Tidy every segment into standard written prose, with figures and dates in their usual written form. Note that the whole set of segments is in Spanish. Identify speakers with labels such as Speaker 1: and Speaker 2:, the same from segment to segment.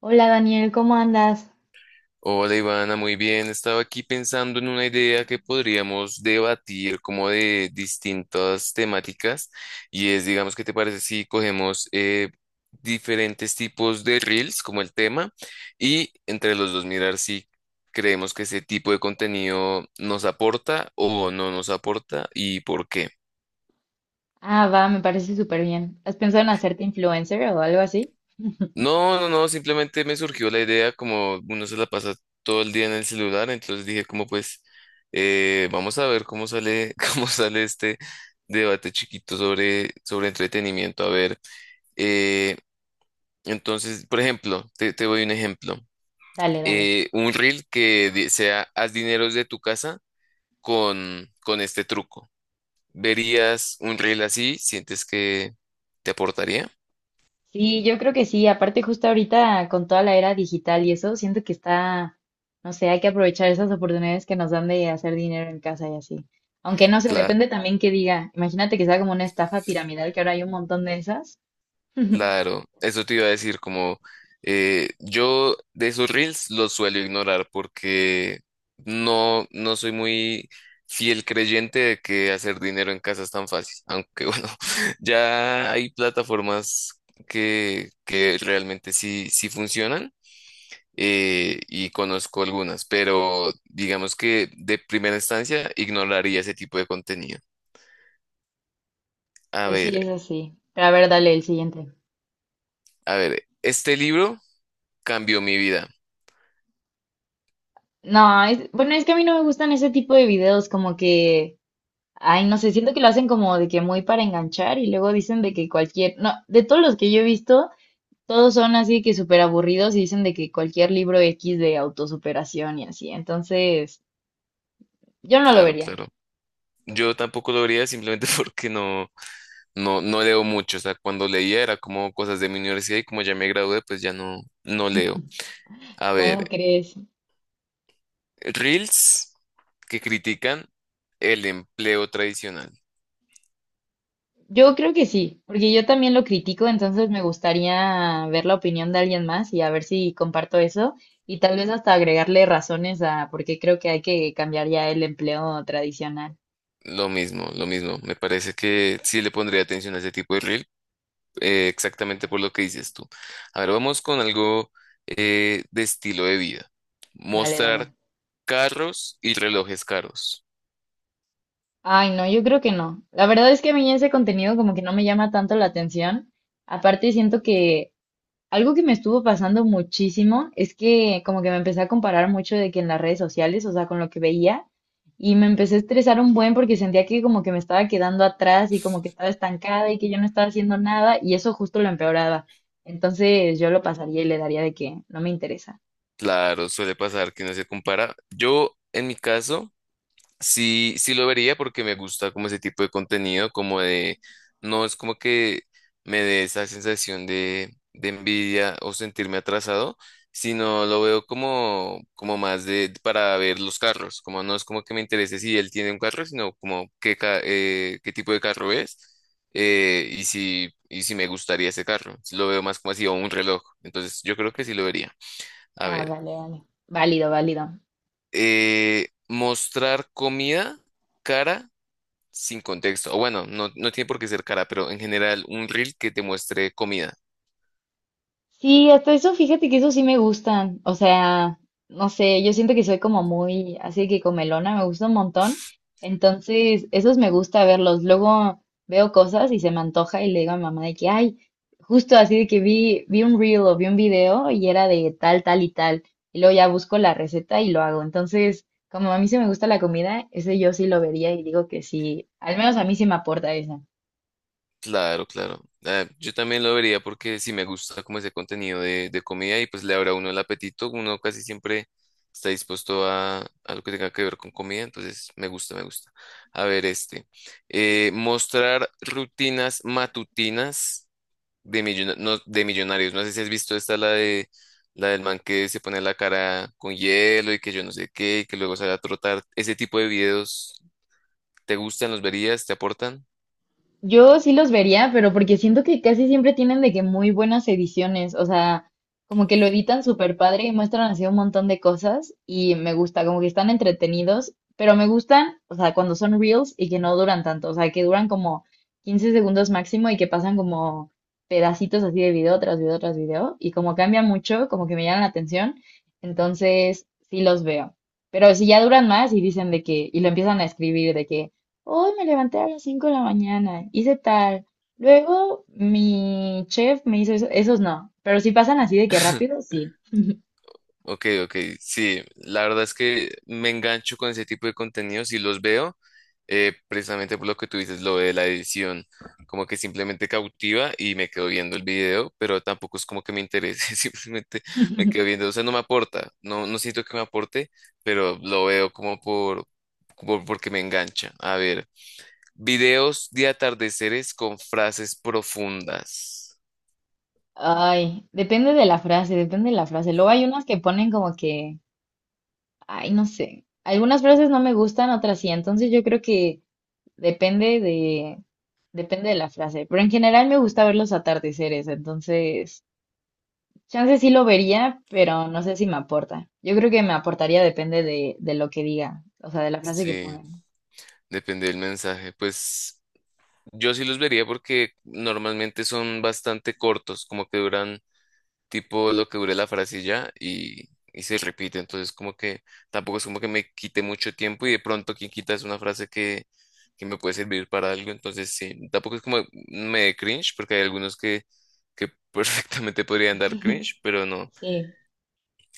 Speaker 1: Hola Daniel, ¿cómo andas?
Speaker 2: Hola Ivana, muy bien. Estaba aquí pensando en una idea que podríamos debatir como de distintas temáticas y es, digamos, ¿qué te parece si cogemos diferentes tipos de reels como el tema y entre los dos mirar si creemos que ese tipo de contenido nos aporta o no nos aporta y por qué?
Speaker 1: Ah, va, me parece súper bien. ¿Has pensado en hacerte influencer o algo así?
Speaker 2: No, no, no, simplemente me surgió la idea, como uno se la pasa todo el día en el celular, entonces dije como pues vamos a ver cómo sale, cómo sale este debate chiquito sobre entretenimiento. A ver, eh, entonces, por ejemplo, te doy un ejemplo.
Speaker 1: Dale, dale.
Speaker 2: Un reel sea haz dineros de tu casa con este truco. ¿Verías un reel así? ¿Sientes que te aportaría?
Speaker 1: Sí, yo creo que sí. Aparte, justo ahorita con toda la era digital y eso, siento que está, no sé, hay que aprovechar esas oportunidades que nos dan de hacer dinero en casa y así. Aunque no sé, depende también que diga. Imagínate que sea como una estafa piramidal, que ahora hay un montón de esas.
Speaker 2: Claro, eso te iba a decir, como yo de esos reels los suelo ignorar porque no, no soy muy fiel creyente de que hacer dinero en casa es tan fácil, aunque bueno, ya hay plataformas que realmente sí, sí funcionan, y conozco algunas, pero digamos que de primera instancia ignoraría ese tipo de contenido. A
Speaker 1: Pues sí,
Speaker 2: ver,
Speaker 1: es así. Pero a ver, dale el siguiente.
Speaker 2: a ver, este libro cambió mi vida,
Speaker 1: No, bueno, es que a mí no me gustan ese tipo de videos, como que. Ay, no sé, siento que lo hacen como de que muy para enganchar y luego dicen de que cualquier, no, de todos los que yo he visto, todos son así que súper aburridos y dicen de que cualquier libro X de autosuperación y así. Entonces, yo no lo
Speaker 2: claro,
Speaker 1: vería.
Speaker 2: claro. Yo tampoco lo vería simplemente porque no leo mucho. O sea, cuando leía era como cosas de mi universidad y como ya me gradué, pues ya no, no leo. A
Speaker 1: ¿Cómo
Speaker 2: ver,
Speaker 1: crees?
Speaker 2: reels que critican el empleo tradicional.
Speaker 1: Yo creo que sí, porque yo también lo critico, entonces me gustaría ver la opinión de alguien más y a ver si comparto eso y tal vez hasta agregarle razones a por qué creo que hay que cambiar ya el empleo tradicional.
Speaker 2: Lo mismo, lo mismo. Me parece que sí le pondría atención a ese tipo de reel, exactamente por lo que dices tú. A ver, vamos con algo de estilo de vida.
Speaker 1: Dale, dale.
Speaker 2: Mostrar carros y relojes caros.
Speaker 1: Ay, no, yo creo que no. La verdad es que a mí ese contenido como que no me llama tanto la atención. Aparte, siento que algo que me estuvo pasando muchísimo es que como que me empecé a comparar mucho de que en las redes sociales, o sea, con lo que veía, y me empecé a estresar un buen porque sentía que como que me estaba quedando atrás y como que estaba estancada y que yo no estaba haciendo nada, y eso justo lo empeoraba. Entonces yo lo pasaría y le daría de que no me interesa.
Speaker 2: Claro, suele pasar que no se compara. Yo, en mi caso, sí, sí lo vería porque me gusta como ese tipo de contenido, como de, no es como que me dé esa sensación de envidia o sentirme atrasado, sino lo veo como, como más de, para ver los carros, como no es como que me interese si él tiene un carro, sino como qué, qué tipo de carro es, y si me gustaría ese carro. Lo veo más como así, o un reloj. Entonces, yo creo que sí lo vería. A
Speaker 1: Ah,
Speaker 2: ver,
Speaker 1: vale, vale. Válido, válido.
Speaker 2: mostrar comida cara sin contexto. O bueno, no, no tiene por qué ser cara, pero en general un reel que te muestre comida.
Speaker 1: Sí, hasta eso, fíjate que eso sí me gustan. O sea, no sé, yo siento que soy como muy así que comelona, me gusta un montón. Entonces, esos me gusta verlos. Luego veo cosas y se me antoja y le digo a mi mamá de que, ay, justo así de que vi un reel o vi un video y era de tal, tal y tal. Y luego ya busco la receta y lo hago. Entonces, como a mí sí me gusta la comida, ese yo sí lo vería y digo que sí, al menos a mí sí me aporta esa.
Speaker 2: Claro, claro. Ah, yo también lo vería porque sí me gusta como ese contenido de comida y pues le abre a uno el apetito. Uno casi siempre está dispuesto a lo que tenga que ver con comida, entonces me gusta, me gusta. A ver, este. Mostrar rutinas matutinas de, no, de Millonarios. No sé si has visto esta, la de la del man que se pone la cara con hielo y que yo no sé qué, y que luego sale a trotar. Ese tipo de videos, ¿te gustan? ¿Los verías? ¿Te aportan?
Speaker 1: Yo sí los vería, pero porque siento que casi siempre tienen de que muy buenas ediciones, o sea, como que lo editan súper padre y muestran así un montón de cosas y me gusta, como que están entretenidos, pero me gustan, o sea, cuando son reels y que no duran tanto, o sea, que duran como 15 segundos máximo y que pasan como pedacitos así de video tras video tras video y como cambia mucho, como que me llaman la atención, entonces sí los veo. Pero si ya duran más y dicen de que, y lo empiezan a escribir de que: Hoy me levanté a las 5 de la mañana, hice tal. Luego mi chef me hizo eso. Esos no, pero si pasan así de que rápido, sí.
Speaker 2: Ok, ok, sí, la verdad es que me engancho con ese tipo de contenidos y los veo, precisamente por lo que tú dices, lo de la edición, como que simplemente cautiva y me quedo viendo el video, pero tampoco es como que me interese, simplemente me quedo viendo, o sea, no me aporta, no, no siento que me aporte, pero lo veo como por, porque me engancha. A ver, videos de atardeceres con frases profundas.
Speaker 1: Ay, depende de la frase, depende de la frase. Luego hay unas que ponen como que, ay, no sé. Algunas frases no me gustan, otras sí. Entonces yo creo que depende de, depende de la frase. Pero en general me gusta ver los atardeceres, entonces chance sí lo vería, pero no sé si me aporta. Yo creo que me aportaría depende de, lo que diga, o sea, de la frase que
Speaker 2: Sí,
Speaker 1: ponga.
Speaker 2: depende del mensaje, pues. Yo sí los vería porque normalmente son bastante cortos, como que duran tipo lo que dure la frase y ya y se repite, entonces como que tampoco es como que me quite mucho tiempo y de pronto quien quita es una frase que me puede servir para algo, entonces sí, tampoco es como me dé cringe porque hay algunos que perfectamente podrían dar cringe, pero no.
Speaker 1: Sí.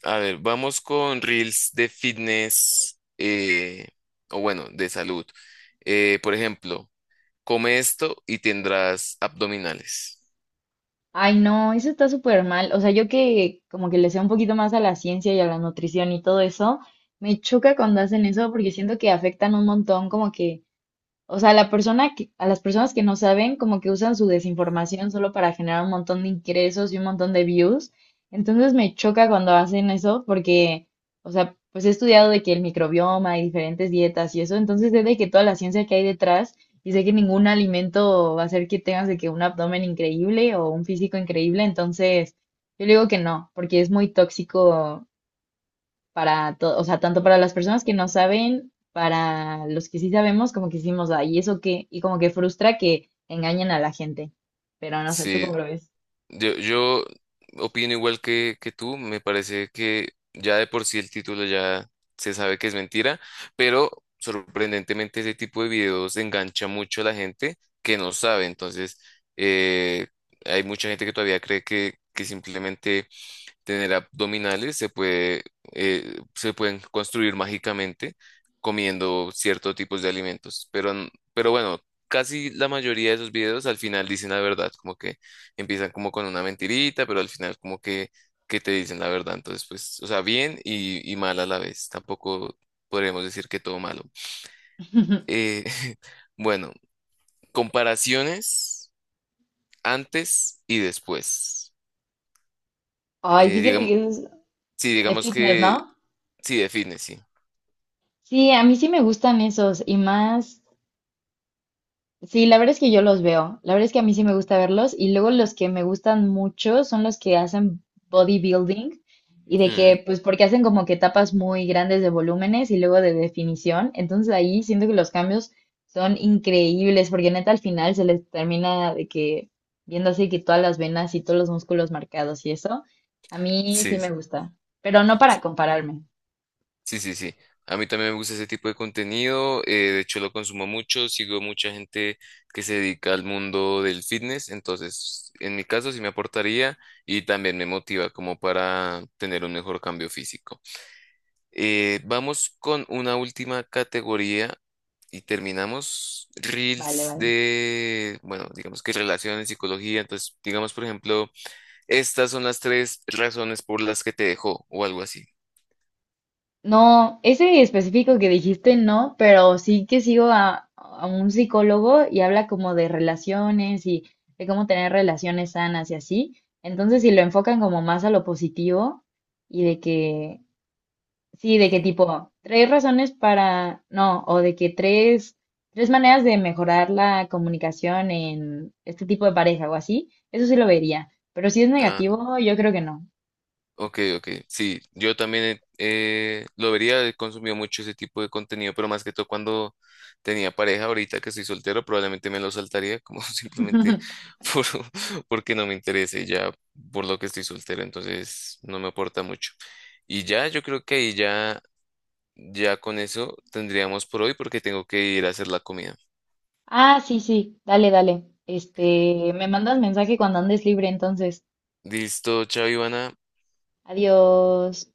Speaker 2: A ver, vamos con reels de fitness, o bueno, de salud. Por ejemplo. Come esto y tendrás abdominales.
Speaker 1: Ay, no, eso está súper mal. O sea, yo que como que le sé un poquito más a la ciencia y a la nutrición y todo eso, me choca cuando hacen eso porque siento que afectan un montón como que. O sea, la persona que, a las personas que no saben, como que usan su desinformación solo para generar un montón de ingresos y un montón de views. Entonces me choca cuando hacen eso porque, o sea, pues he estudiado de que el microbioma y diferentes dietas y eso, entonces sé de que toda la ciencia que hay detrás y sé que ningún alimento va a hacer que tengas de que un abdomen increíble o un físico increíble. Entonces, yo digo que no, porque es muy tóxico para todo, o sea, tanto para las personas que no saben, para los que sí sabemos, como que hicimos, ay, ¿eso qué? Y como que frustra que engañen a la gente. Pero no sé, ¿tú
Speaker 2: Sí,
Speaker 1: cómo lo ves?
Speaker 2: yo opino igual que tú, me parece que ya de por sí el título ya se sabe que es mentira, pero sorprendentemente ese tipo de videos engancha mucho a la gente que no sabe, entonces, eh, hay mucha gente que todavía cree que simplemente tener abdominales se puede, se pueden construir mágicamente comiendo ciertos tipos de alimentos. Pero bueno, casi la mayoría de esos videos al final dicen la verdad, como que empiezan como con una mentirita, pero al final como que te dicen la verdad. Entonces, pues, o sea, bien y mal a la vez. Tampoco podríamos decir que todo malo. Eh, bueno, comparaciones antes y después.
Speaker 1: Ay, fíjate
Speaker 2: Digamos,
Speaker 1: que eso es
Speaker 2: sí,
Speaker 1: de
Speaker 2: digamos
Speaker 1: fitness,
Speaker 2: que
Speaker 1: ¿no?
Speaker 2: sí define, sí.
Speaker 1: Sí, a mí sí me gustan esos y más. Sí, la verdad es que yo los veo. La verdad es que a mí sí me gusta verlos. Y luego los que me gustan mucho son los que hacen bodybuilding. Y de
Speaker 2: Hmm.
Speaker 1: que, pues, porque hacen como que etapas muy grandes de volúmenes y luego de definición. Entonces ahí siento que los cambios son increíbles. Porque neta al final se les termina de que viendo así que todas las venas y todos los músculos marcados y eso. A mí sí
Speaker 2: Sí,
Speaker 1: me
Speaker 2: sí,
Speaker 1: gusta. Pero no para
Speaker 2: sí,
Speaker 1: compararme.
Speaker 2: sí, sí. Sí. A mí también me gusta ese tipo de contenido. De hecho, lo consumo mucho. Sigo mucha gente que se dedica al mundo del fitness. Entonces, en mi caso, sí me aportaría y también me motiva como para tener un mejor cambio físico. Vamos con una última categoría y terminamos.
Speaker 1: Vale,
Speaker 2: Reels
Speaker 1: vale.
Speaker 2: de, bueno, digamos que relaciones, psicología. Entonces, digamos, por ejemplo, estas son las tres razones por las que te dejó o algo así.
Speaker 1: No, ese específico que dijiste no, pero sí que sigo a un psicólogo y habla como de relaciones y de cómo tener relaciones sanas y así. Entonces, si lo enfocan como más a lo positivo y de que, sí, de que tipo, tres razones para, no, o de que tres maneras de mejorar la comunicación en este tipo de pareja o así, eso sí lo vería. Pero si es
Speaker 2: Ah,
Speaker 1: negativo, yo creo que no.
Speaker 2: ok, ok. Sí, yo también, lo vería, he consumido mucho ese tipo de contenido, pero más que todo cuando tenía pareja, ahorita que soy soltero, probablemente me lo saltaría como simplemente por, porque no me interese ya por lo que estoy soltero, entonces no me aporta mucho. Y ya, yo creo que ahí ya, ya con eso tendríamos por hoy porque tengo que ir a hacer la comida.
Speaker 1: Ah, sí, sí, dale, dale. Este, me mandas mensaje cuando andes libre, entonces.
Speaker 2: Listo, chao Ivana,
Speaker 1: Adiós.